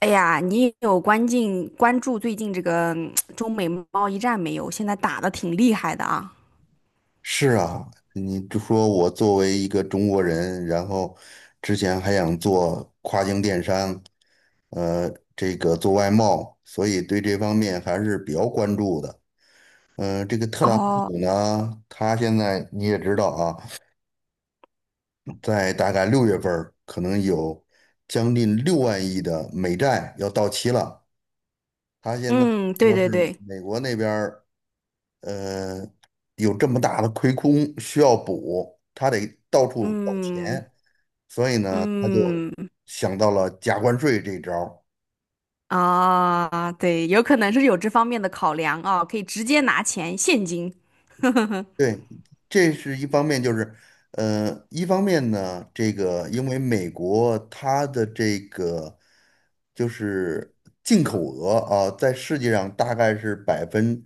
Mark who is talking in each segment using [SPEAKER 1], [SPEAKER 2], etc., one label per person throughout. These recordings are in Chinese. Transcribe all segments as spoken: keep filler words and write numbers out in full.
[SPEAKER 1] 哎呀，你有关进关注最近这个嗯中美贸易战没有？现在打的挺厉害的啊。
[SPEAKER 2] 是啊，你就说我作为一个中国人，然后之前还想做跨境电商，呃，这个做外贸，所以对这方面还是比较关注的。呃，这个特朗
[SPEAKER 1] 哦。
[SPEAKER 2] 普呢，他现在你也知道啊，在大概六月份儿可能有将近六万亿的美债要到期了。他现在
[SPEAKER 1] 嗯，对
[SPEAKER 2] 说
[SPEAKER 1] 对
[SPEAKER 2] 是
[SPEAKER 1] 对。
[SPEAKER 2] 美国那边儿呃有这么大的亏空需要补，他得到处找
[SPEAKER 1] 嗯
[SPEAKER 2] 钱。所以呢，他就
[SPEAKER 1] 嗯。
[SPEAKER 2] 想到了加关税这一招儿。
[SPEAKER 1] 啊，对，有可能是有这方面的考量啊，可以直接拿钱现金。
[SPEAKER 2] 对，这是一方面，就是，呃，一方面呢，这个因为美国它的这个就是进口额啊，在世界上大概是百分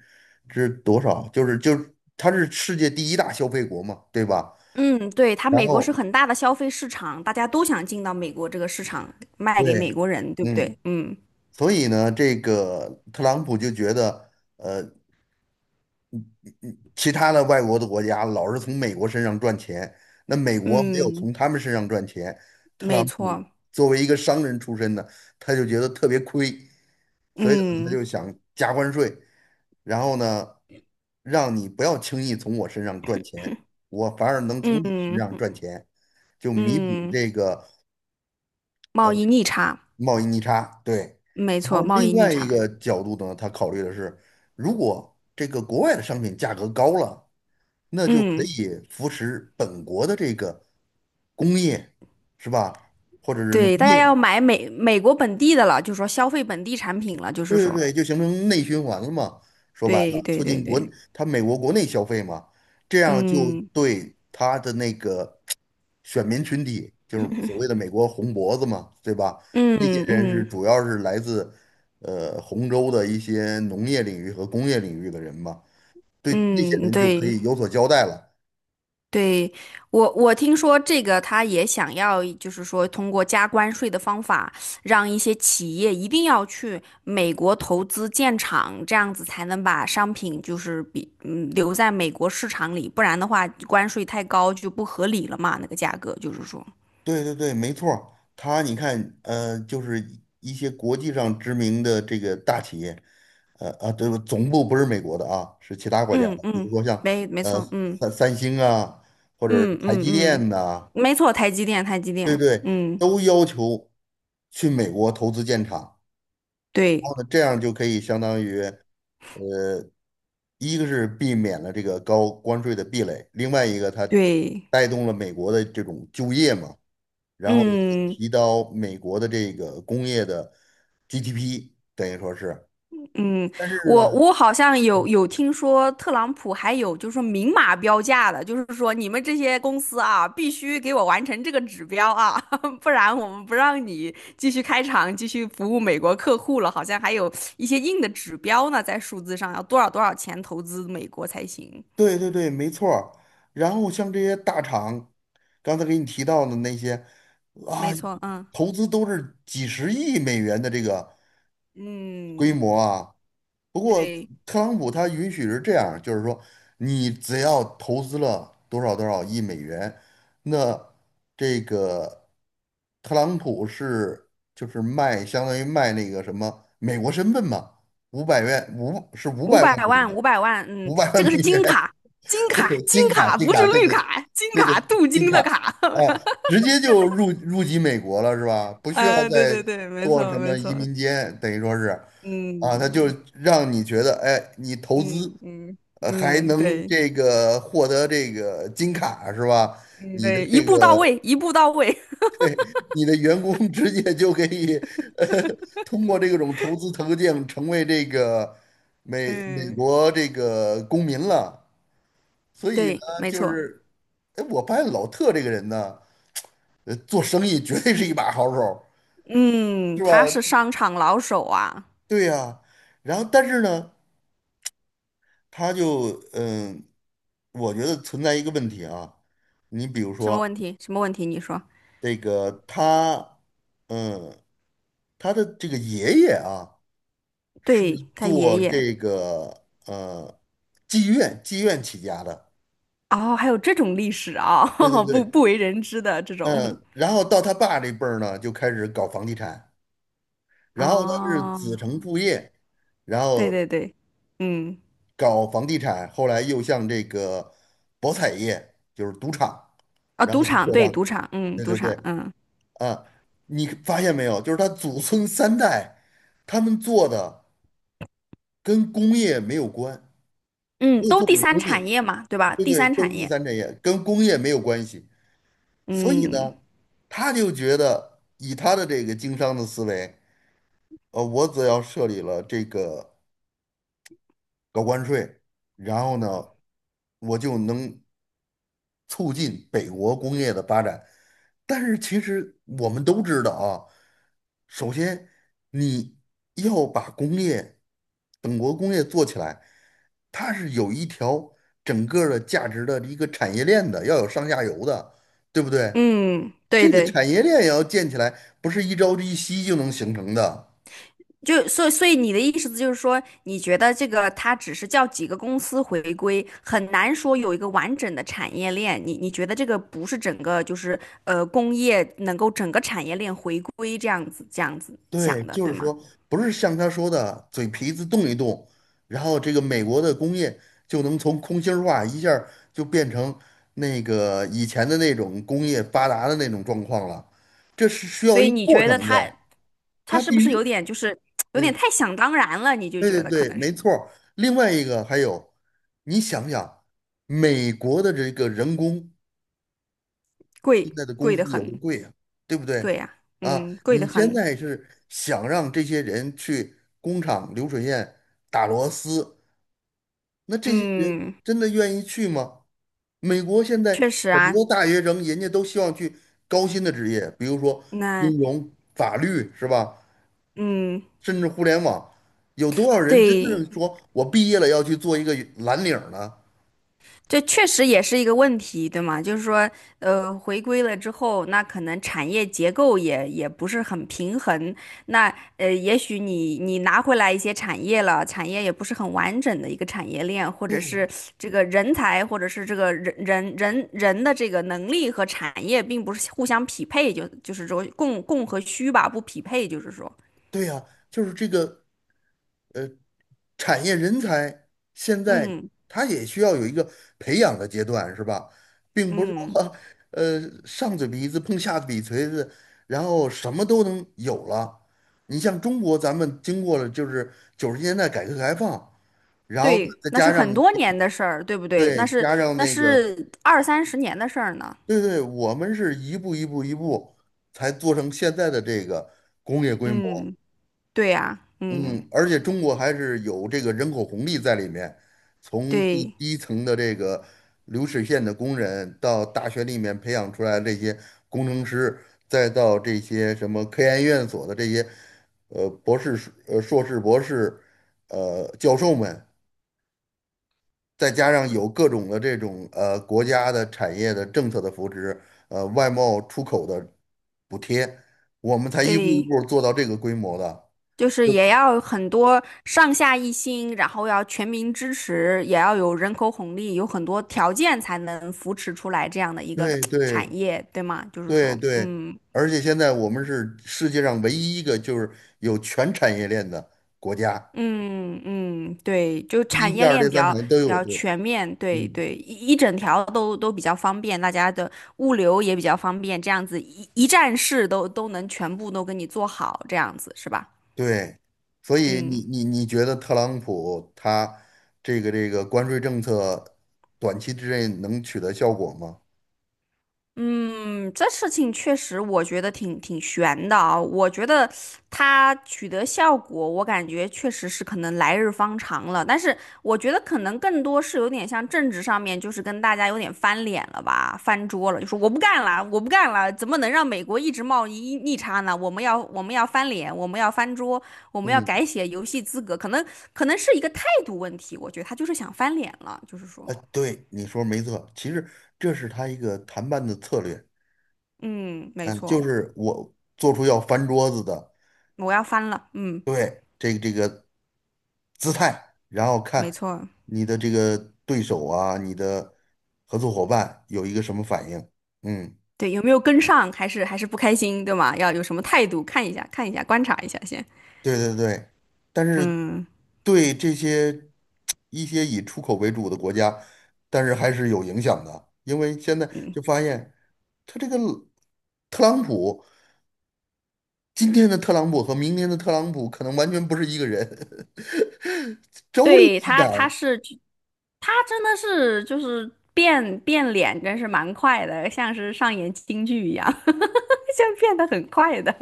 [SPEAKER 2] 之多少？就是就是它是世界第一大消费国嘛，对吧？
[SPEAKER 1] 嗯，对，他
[SPEAKER 2] 然
[SPEAKER 1] 美国是
[SPEAKER 2] 后
[SPEAKER 1] 很大的消费市场，大家都想进到美国这个市场，卖给美
[SPEAKER 2] 对，
[SPEAKER 1] 国人，对不
[SPEAKER 2] 嗯，
[SPEAKER 1] 对？嗯。
[SPEAKER 2] 所以呢，这个特朗普就觉得。其他的外国的国家老是从美国身上赚钱，那美国没有
[SPEAKER 1] 嗯，
[SPEAKER 2] 从他们身上赚钱，特
[SPEAKER 1] 没
[SPEAKER 2] 朗普
[SPEAKER 1] 错。
[SPEAKER 2] 作为一个商人出身的，他就觉得特别亏，所以呢他
[SPEAKER 1] 嗯。
[SPEAKER 2] 就想加关税，然后呢，让你不要轻易从我身上赚钱，我反而能从你身
[SPEAKER 1] 嗯
[SPEAKER 2] 上赚钱，就弥补
[SPEAKER 1] 嗯。
[SPEAKER 2] 这个
[SPEAKER 1] 贸易逆差。
[SPEAKER 2] 贸易逆差，对。
[SPEAKER 1] 没
[SPEAKER 2] 然
[SPEAKER 1] 错，
[SPEAKER 2] 后
[SPEAKER 1] 贸
[SPEAKER 2] 另
[SPEAKER 1] 易逆
[SPEAKER 2] 外一
[SPEAKER 1] 差。
[SPEAKER 2] 个角度呢，他考虑的是，如果这个国外的商品价格高了，那就可
[SPEAKER 1] 嗯，
[SPEAKER 2] 以扶持本国的这个工业，是吧？或者是农
[SPEAKER 1] 对，大家要
[SPEAKER 2] 业，
[SPEAKER 1] 买美美国本地的了，就是说消费本地产品了，就是
[SPEAKER 2] 对对
[SPEAKER 1] 说。
[SPEAKER 2] 对，就形成内循环了嘛。说白
[SPEAKER 1] 对
[SPEAKER 2] 了，
[SPEAKER 1] 对
[SPEAKER 2] 促
[SPEAKER 1] 对
[SPEAKER 2] 进国，
[SPEAKER 1] 对。
[SPEAKER 2] 他美国国内消费嘛，这样就
[SPEAKER 1] 嗯
[SPEAKER 2] 对他的那个选民群体，就是所谓的美国红脖子嘛，对吧？那些
[SPEAKER 1] 嗯
[SPEAKER 2] 人是
[SPEAKER 1] 嗯
[SPEAKER 2] 主要是来自呃红州的一些农业领域和工业领域的人嘛，对那些
[SPEAKER 1] 嗯。
[SPEAKER 2] 人就可
[SPEAKER 1] 对
[SPEAKER 2] 以有所交代了。
[SPEAKER 1] 对，我我听说这个他也想要，就是说通过加关税的方法，让一些企业一定要去美国投资建厂，这样子才能把商品就是比嗯留在美国市场里，不然的话关税太高就不合理了嘛，那个价格就是说。
[SPEAKER 2] 对对对，没错儿，它你看，呃，就是一些国际上知名的这个大企业，呃啊，对，总部不是美国的啊，是其他国家
[SPEAKER 1] 嗯
[SPEAKER 2] 的，比如
[SPEAKER 1] 嗯，
[SPEAKER 2] 说像
[SPEAKER 1] 没没
[SPEAKER 2] 呃
[SPEAKER 1] 错。嗯
[SPEAKER 2] 三三星啊，或者是
[SPEAKER 1] 嗯
[SPEAKER 2] 台
[SPEAKER 1] 嗯。
[SPEAKER 2] 积电
[SPEAKER 1] 嗯，
[SPEAKER 2] 呐、
[SPEAKER 1] 没错，台积电，台积电。嗯，
[SPEAKER 2] 都要求去美国投资建厂，然
[SPEAKER 1] 对
[SPEAKER 2] 后呢，这样就可以相当于呃，一个是避免了这个高关税的壁垒，另外一个它
[SPEAKER 1] 对。
[SPEAKER 2] 带动了美国的这种就业嘛。然后
[SPEAKER 1] 嗯
[SPEAKER 2] 提到美国的这个工业的 G D P，等于说是，
[SPEAKER 1] 嗯，
[SPEAKER 2] 但是呢，
[SPEAKER 1] 我我好像有有听说特朗普还有就是说明码标价的，就是说你们这些公司啊，必须给我完成这个指标啊，不然我们不让你继续开厂，继续服务美国客户了。好像还有一些硬的指标呢，在数字上要多少多少钱投资美国才行。
[SPEAKER 2] 对对对，没错儿然后像这些大厂，刚才给你提到的那些啊，
[SPEAKER 1] 没错。嗯
[SPEAKER 2] 投资都是几十亿美元的这个。规
[SPEAKER 1] 嗯。
[SPEAKER 2] 模啊。不过
[SPEAKER 1] 对。
[SPEAKER 2] 特朗普他允许是这样，就是说你只要投资了多少多少亿美元，那这个特朗普是就是卖相当于卖那个什么美国身份嘛，五百元五是五
[SPEAKER 1] 五
[SPEAKER 2] 百万
[SPEAKER 1] 百
[SPEAKER 2] 美
[SPEAKER 1] 万，五
[SPEAKER 2] 元，
[SPEAKER 1] 百万，嗯，
[SPEAKER 2] 五百万
[SPEAKER 1] 这
[SPEAKER 2] 美
[SPEAKER 1] 个是金
[SPEAKER 2] 元，
[SPEAKER 1] 卡。金卡，金
[SPEAKER 2] 金卡，
[SPEAKER 1] 卡，
[SPEAKER 2] 金
[SPEAKER 1] 不是
[SPEAKER 2] 卡，对
[SPEAKER 1] 绿
[SPEAKER 2] 对
[SPEAKER 1] 卡，金
[SPEAKER 2] 对对，
[SPEAKER 1] 卡，镀
[SPEAKER 2] 金
[SPEAKER 1] 金
[SPEAKER 2] 卡，
[SPEAKER 1] 的卡。
[SPEAKER 2] 啊，直接就入入籍美国了是吧？不需要
[SPEAKER 1] 啊，对
[SPEAKER 2] 再
[SPEAKER 1] 对对，没
[SPEAKER 2] 做
[SPEAKER 1] 错
[SPEAKER 2] 什
[SPEAKER 1] 没
[SPEAKER 2] 么移
[SPEAKER 1] 错。
[SPEAKER 2] 民监，等于说是，啊，他就
[SPEAKER 1] 嗯
[SPEAKER 2] 让你觉得，哎，你投资，
[SPEAKER 1] 嗯嗯
[SPEAKER 2] 呃，还
[SPEAKER 1] 嗯。
[SPEAKER 2] 能
[SPEAKER 1] 对。
[SPEAKER 2] 这个获得这个金卡是吧？
[SPEAKER 1] 嗯，
[SPEAKER 2] 你的
[SPEAKER 1] 对，一
[SPEAKER 2] 这
[SPEAKER 1] 步到
[SPEAKER 2] 个
[SPEAKER 1] 位，一步到位。
[SPEAKER 2] 你的员工 直接就可以，呃，通过这种投资途径成为这个 美美
[SPEAKER 1] 嗯。
[SPEAKER 2] 国这个公民了所以呢，
[SPEAKER 1] 对，没
[SPEAKER 2] 就
[SPEAKER 1] 错。
[SPEAKER 2] 是，哎，我发现老特这个人呢，呃，做生意绝对是一把好手
[SPEAKER 1] 嗯，
[SPEAKER 2] 是吧？
[SPEAKER 1] 他是商场老手啊。
[SPEAKER 2] 对呀，然后但是呢，他就嗯，我觉得存在一个问题啊，你比如
[SPEAKER 1] 什么问
[SPEAKER 2] 说
[SPEAKER 1] 题？什么问题？你说。
[SPEAKER 2] 这个他，嗯，他的这个爷爷啊，是
[SPEAKER 1] 对，他爷
[SPEAKER 2] 做
[SPEAKER 1] 爷。
[SPEAKER 2] 这个呃妓院妓院起家的，
[SPEAKER 1] 哦，还有这种历史啊，
[SPEAKER 2] 对对
[SPEAKER 1] 不
[SPEAKER 2] 对，
[SPEAKER 1] 不为人知的这种。
[SPEAKER 2] 嗯，然后到他爸这辈儿呢，就开始搞房地产。然后他是子
[SPEAKER 1] 哦。
[SPEAKER 2] 承父业，然
[SPEAKER 1] 对
[SPEAKER 2] 后
[SPEAKER 1] 对对。嗯。
[SPEAKER 2] 搞房地产，后来又向这个博彩业，就是赌场，
[SPEAKER 1] 啊，
[SPEAKER 2] 然
[SPEAKER 1] 赌
[SPEAKER 2] 后就
[SPEAKER 1] 场，
[SPEAKER 2] 扩
[SPEAKER 1] 对，赌
[SPEAKER 2] 张。
[SPEAKER 1] 场，嗯，
[SPEAKER 2] 对
[SPEAKER 1] 赌
[SPEAKER 2] 对对，
[SPEAKER 1] 场。嗯
[SPEAKER 2] 啊，你发现没有？就是他祖孙三代，他们做的跟工业没有关，
[SPEAKER 1] 嗯，
[SPEAKER 2] 没有
[SPEAKER 1] 都
[SPEAKER 2] 做
[SPEAKER 1] 第
[SPEAKER 2] 过
[SPEAKER 1] 三
[SPEAKER 2] 工业，
[SPEAKER 1] 产业嘛，对吧？
[SPEAKER 2] 这
[SPEAKER 1] 第
[SPEAKER 2] 对？
[SPEAKER 1] 三
[SPEAKER 2] 都
[SPEAKER 1] 产
[SPEAKER 2] 是第
[SPEAKER 1] 业。
[SPEAKER 2] 三产业，跟工业没有关系。所以
[SPEAKER 1] 嗯
[SPEAKER 2] 呢，他就觉得以他的这个经商的思维，呃，我只要设立了这个。搞关税，然后呢，我就能促进北国工业的发展。但是其实我们都知道啊，首先你要把工业，本国工业做起来，它是有一条整个儿的价值的一个产业链的，要有上下游的，对不对？
[SPEAKER 1] 嗯，对
[SPEAKER 2] 这个
[SPEAKER 1] 对。
[SPEAKER 2] 产业链也要建起来，不是一朝一夕就能形成的。
[SPEAKER 1] 就所以所以你的意思就是说，你觉得这个它只是叫几个公司回归，很难说有一个完整的产业链。你你觉得这个不是整个就是呃工业能够整个产业链回归这样子这样子想
[SPEAKER 2] 对，
[SPEAKER 1] 的，
[SPEAKER 2] 就是
[SPEAKER 1] 对吗？
[SPEAKER 2] 说，不是像他说的嘴皮子动一动，然后这个美国的工业就能从空心儿化一下儿就变成那个以前的那种工业发达的那种状况了，这是需
[SPEAKER 1] 所
[SPEAKER 2] 要一
[SPEAKER 1] 以
[SPEAKER 2] 个
[SPEAKER 1] 你
[SPEAKER 2] 过
[SPEAKER 1] 觉得
[SPEAKER 2] 程
[SPEAKER 1] 他
[SPEAKER 2] 的，
[SPEAKER 1] 他
[SPEAKER 2] 它
[SPEAKER 1] 是
[SPEAKER 2] 必
[SPEAKER 1] 不是有
[SPEAKER 2] 须，
[SPEAKER 1] 点就是有点
[SPEAKER 2] 嗯，
[SPEAKER 1] 太想当然了？你就
[SPEAKER 2] 对对
[SPEAKER 1] 觉得可
[SPEAKER 2] 对，
[SPEAKER 1] 能
[SPEAKER 2] 没
[SPEAKER 1] 是。
[SPEAKER 2] 错儿。另外一个还有，你想想，美国的这个人工。现
[SPEAKER 1] 贵
[SPEAKER 2] 在的工
[SPEAKER 1] 贵
[SPEAKER 2] 资
[SPEAKER 1] 的
[SPEAKER 2] 有多
[SPEAKER 1] 很。
[SPEAKER 2] 贵啊，对不对？
[SPEAKER 1] 对呀、
[SPEAKER 2] 啊，
[SPEAKER 1] 嗯，贵的
[SPEAKER 2] 你现
[SPEAKER 1] 很。
[SPEAKER 2] 在是想让这些人去工厂流水线打螺丝，那这些人
[SPEAKER 1] 嗯，
[SPEAKER 2] 真的愿意去吗？美国现
[SPEAKER 1] 确
[SPEAKER 2] 在
[SPEAKER 1] 实
[SPEAKER 2] 很
[SPEAKER 1] 啊。
[SPEAKER 2] 多大学生，人家都希望去高薪的职业，比如说
[SPEAKER 1] 那
[SPEAKER 2] 金融、法律，是吧？
[SPEAKER 1] 嗯，
[SPEAKER 2] 甚至互联网，有多少人真
[SPEAKER 1] 对，
[SPEAKER 2] 正说我毕业了要去做一个蓝领儿呢？
[SPEAKER 1] 这确实也是一个问题，对吗？就是说，呃，回归了之后，那可能产业结构也也不是很平衡。那呃，也许你你拿回来一些产业了，产业也不是很完整的一个产业链，或者是这个人才，或者是这个人人人人的这个能力和产业并不是互相匹配，就就是说供供和需吧，不匹配，就是说。
[SPEAKER 2] 对呀，就是这个。呃。产业人才现在
[SPEAKER 1] 嗯
[SPEAKER 2] 他也需要有一个培养的阶段，是吧？并不是
[SPEAKER 1] 嗯。
[SPEAKER 2] 说呃上嘴皮子碰下嘴锤子，然后什么都能有了。你像中国，咱们经过了就是九十年代改革开放，然后呢
[SPEAKER 1] 对，
[SPEAKER 2] 再
[SPEAKER 1] 那是
[SPEAKER 2] 加
[SPEAKER 1] 很
[SPEAKER 2] 上
[SPEAKER 1] 多年的事儿，对不对？
[SPEAKER 2] 对
[SPEAKER 1] 那是
[SPEAKER 2] 加上
[SPEAKER 1] 那
[SPEAKER 2] 那个
[SPEAKER 1] 是二三十年的事儿呢。
[SPEAKER 2] 对对，我们是一步一步一步才做成现在的这个工业规模。
[SPEAKER 1] 嗯，对呀。嗯，
[SPEAKER 2] 嗯，而且中国还是有这个人口红利在里面，从第
[SPEAKER 1] 对
[SPEAKER 2] 低层的这个流水线的工人，到大学里面培养出来这些工程师，再到这些什么科研院所的这些呃博士、呃硕士、博士呃教授们，再加上有各种的这种呃国家的产业的政策的扶持，呃外贸出口的补贴，我们才一步一
[SPEAKER 1] 对，
[SPEAKER 2] 步做到这个规模的。
[SPEAKER 1] 就是也要很多上下一心，然后要全民支持，也要有人口红利，有很多条件才能扶持出来这样的一个
[SPEAKER 2] 对
[SPEAKER 1] 产
[SPEAKER 2] 对。
[SPEAKER 1] 业，对吗？就是
[SPEAKER 2] 对
[SPEAKER 1] 说。
[SPEAKER 2] 对，
[SPEAKER 1] 嗯
[SPEAKER 2] 而且现在我们是世界上唯一一个就是有全产业链的国家，
[SPEAKER 1] 嗯嗯，对，就
[SPEAKER 2] 第一、
[SPEAKER 1] 产
[SPEAKER 2] 第
[SPEAKER 1] 业
[SPEAKER 2] 二、第
[SPEAKER 1] 链比
[SPEAKER 2] 三
[SPEAKER 1] 较
[SPEAKER 2] 产业都
[SPEAKER 1] 比
[SPEAKER 2] 有。
[SPEAKER 1] 较
[SPEAKER 2] 对，
[SPEAKER 1] 全面，对
[SPEAKER 2] 嗯，
[SPEAKER 1] 对，一一整条都都比较方便，大家的物流也比较方便，这样子一一站式都都能全部都给你做好，这样子是吧？
[SPEAKER 2] 对，所以你
[SPEAKER 1] 嗯。
[SPEAKER 2] 你你觉得特朗普他这个这个关税政策短期之内能取得效果吗？
[SPEAKER 1] 嗯，这事情确实我觉得挺挺悬的啊。我觉得他取得效果，我感觉确实是可能来日方长了。但是我觉得可能更多是有点像政治上面，就是跟大家有点翻脸了吧，翻桌了，就说我不干了，我不干了，怎么能让美国一直贸易逆差呢？我们要我们要翻脸，我们要翻桌，我们要
[SPEAKER 2] 嗯，
[SPEAKER 1] 改写游戏资格，可能可能是一个态度问题。我觉得他就是想翻脸了，就是说。
[SPEAKER 2] 呃，对，你说没错，其实这是他一个谈判的策略，
[SPEAKER 1] 嗯，没
[SPEAKER 2] 嗯，就
[SPEAKER 1] 错。
[SPEAKER 2] 是我做出要翻桌子的。
[SPEAKER 1] 我要翻了。嗯，
[SPEAKER 2] 对，这个这个姿态，然后
[SPEAKER 1] 没
[SPEAKER 2] 看
[SPEAKER 1] 错。
[SPEAKER 2] 你的这个对手啊，你的合作伙伴有一个什么反应。嗯，
[SPEAKER 1] 对，有没有跟上，还是还是不开心，对吗？要有什么态度，看一下，看一下，观察一下先。
[SPEAKER 2] 对对对，但是
[SPEAKER 1] 嗯
[SPEAKER 2] 对这些一些以出口为主的国家，但是还是有影响的，因为现在
[SPEAKER 1] 嗯，
[SPEAKER 2] 就发现他这个特朗普，今天的特朗普和明天的特朗普可能完全不是一个人，周立
[SPEAKER 1] 对
[SPEAKER 2] 夕
[SPEAKER 1] 他，
[SPEAKER 2] 感
[SPEAKER 1] 他是他真的是就是变变脸，真是蛮快的，像是上演京剧一样，像变得很快的。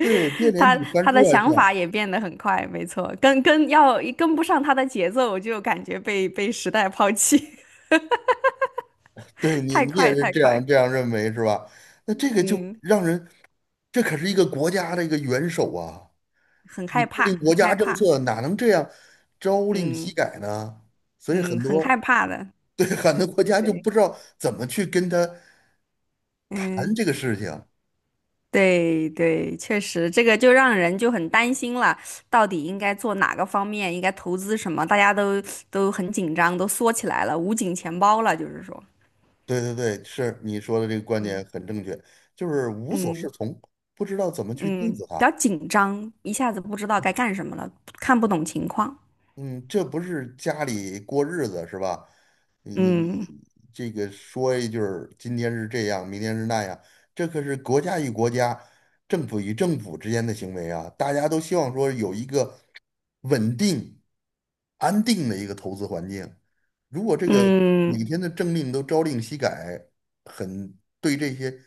[SPEAKER 2] 对，变脸
[SPEAKER 1] 他
[SPEAKER 2] 比翻
[SPEAKER 1] 他
[SPEAKER 2] 书
[SPEAKER 1] 的
[SPEAKER 2] 还
[SPEAKER 1] 想
[SPEAKER 2] 快。
[SPEAKER 1] 法也变得很快，没错，跟跟要跟不上他的节奏，我就感觉被被时代抛弃。
[SPEAKER 2] 对 你，
[SPEAKER 1] 太
[SPEAKER 2] 你也
[SPEAKER 1] 快
[SPEAKER 2] 是
[SPEAKER 1] 太
[SPEAKER 2] 这样
[SPEAKER 1] 快。
[SPEAKER 2] 这样认为是吧？那这个就
[SPEAKER 1] 嗯，
[SPEAKER 2] 让人，这可是一个国家的一个元首啊！
[SPEAKER 1] 很
[SPEAKER 2] 你
[SPEAKER 1] 害
[SPEAKER 2] 制
[SPEAKER 1] 怕，
[SPEAKER 2] 定国
[SPEAKER 1] 很
[SPEAKER 2] 家
[SPEAKER 1] 害
[SPEAKER 2] 政
[SPEAKER 1] 怕。
[SPEAKER 2] 策哪能这样朝令夕
[SPEAKER 1] 嗯
[SPEAKER 2] 改呢？所以
[SPEAKER 1] 嗯，
[SPEAKER 2] 很
[SPEAKER 1] 很害
[SPEAKER 2] 多
[SPEAKER 1] 怕的。
[SPEAKER 2] 对，很多国家就
[SPEAKER 1] 对。
[SPEAKER 2] 不知道怎么去跟他谈
[SPEAKER 1] 嗯，
[SPEAKER 2] 这个事情。
[SPEAKER 1] 对对，确实，这个就让人就很担心了，到底应该做哪个方面，应该投资什么，大家都都很紧张，都缩起来了，捂紧钱包了，就是说。
[SPEAKER 2] 对对对，是你说的这个观
[SPEAKER 1] 嗯。
[SPEAKER 2] 点很正确，就是无所适
[SPEAKER 1] 嗯
[SPEAKER 2] 从，不知道怎么去对
[SPEAKER 1] 嗯，
[SPEAKER 2] 付
[SPEAKER 1] 比
[SPEAKER 2] 他。
[SPEAKER 1] 较紧张，一下子不知道该干什么了，看不懂情况。
[SPEAKER 2] 嗯，这不是家里过日子是吧？你
[SPEAKER 1] 嗯
[SPEAKER 2] 你这个说一句儿，今天是这样，明天是那样，这可是国家与国家、政府与政府之间的行为啊！大家都希望说有一个稳定、安定的一个投资环境。如果这个
[SPEAKER 1] 嗯，
[SPEAKER 2] 每天的政令都朝令夕改，很对这些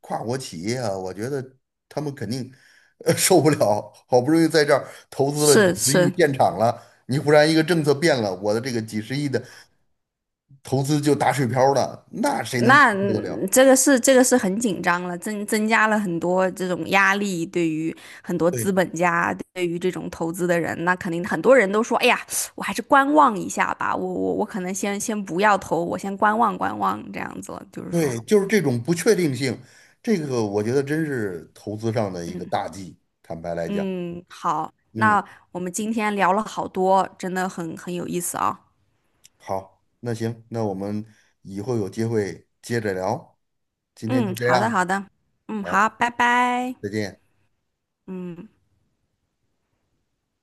[SPEAKER 2] 跨国企业啊，我觉得他们肯定 呃受不了。好不容易在这儿投资了几
[SPEAKER 1] 是
[SPEAKER 2] 十亿
[SPEAKER 1] 是。
[SPEAKER 2] 建厂了。你忽然一个政策变了，我的这个几十亿的投资就打水漂了，那谁能承
[SPEAKER 1] 那
[SPEAKER 2] 受得了？
[SPEAKER 1] 嗯这个是这个是很紧张了，增增加了很多这种压力，对于很多
[SPEAKER 2] 对
[SPEAKER 1] 资本家，对于这种投资的人，那肯定很多人都说，哎呀，我还是观望一下吧，我我我可能先先不要投，我先观望观望这样子了就是说。
[SPEAKER 2] 对，就是这种不确定性，这个我觉得真是投资上的一个
[SPEAKER 1] 嗯
[SPEAKER 2] 大忌。坦白来讲，
[SPEAKER 1] 嗯，好，
[SPEAKER 2] 嗯，
[SPEAKER 1] 那我们今天聊了好多，真的很很有意思啊。
[SPEAKER 2] 好，那行，那我们以后有机会接着聊，今天
[SPEAKER 1] 嗯，
[SPEAKER 2] 就这
[SPEAKER 1] 好的
[SPEAKER 2] 样，
[SPEAKER 1] 好的。嗯好，
[SPEAKER 2] 好，
[SPEAKER 1] 拜拜。
[SPEAKER 2] 再见。
[SPEAKER 1] 嗯。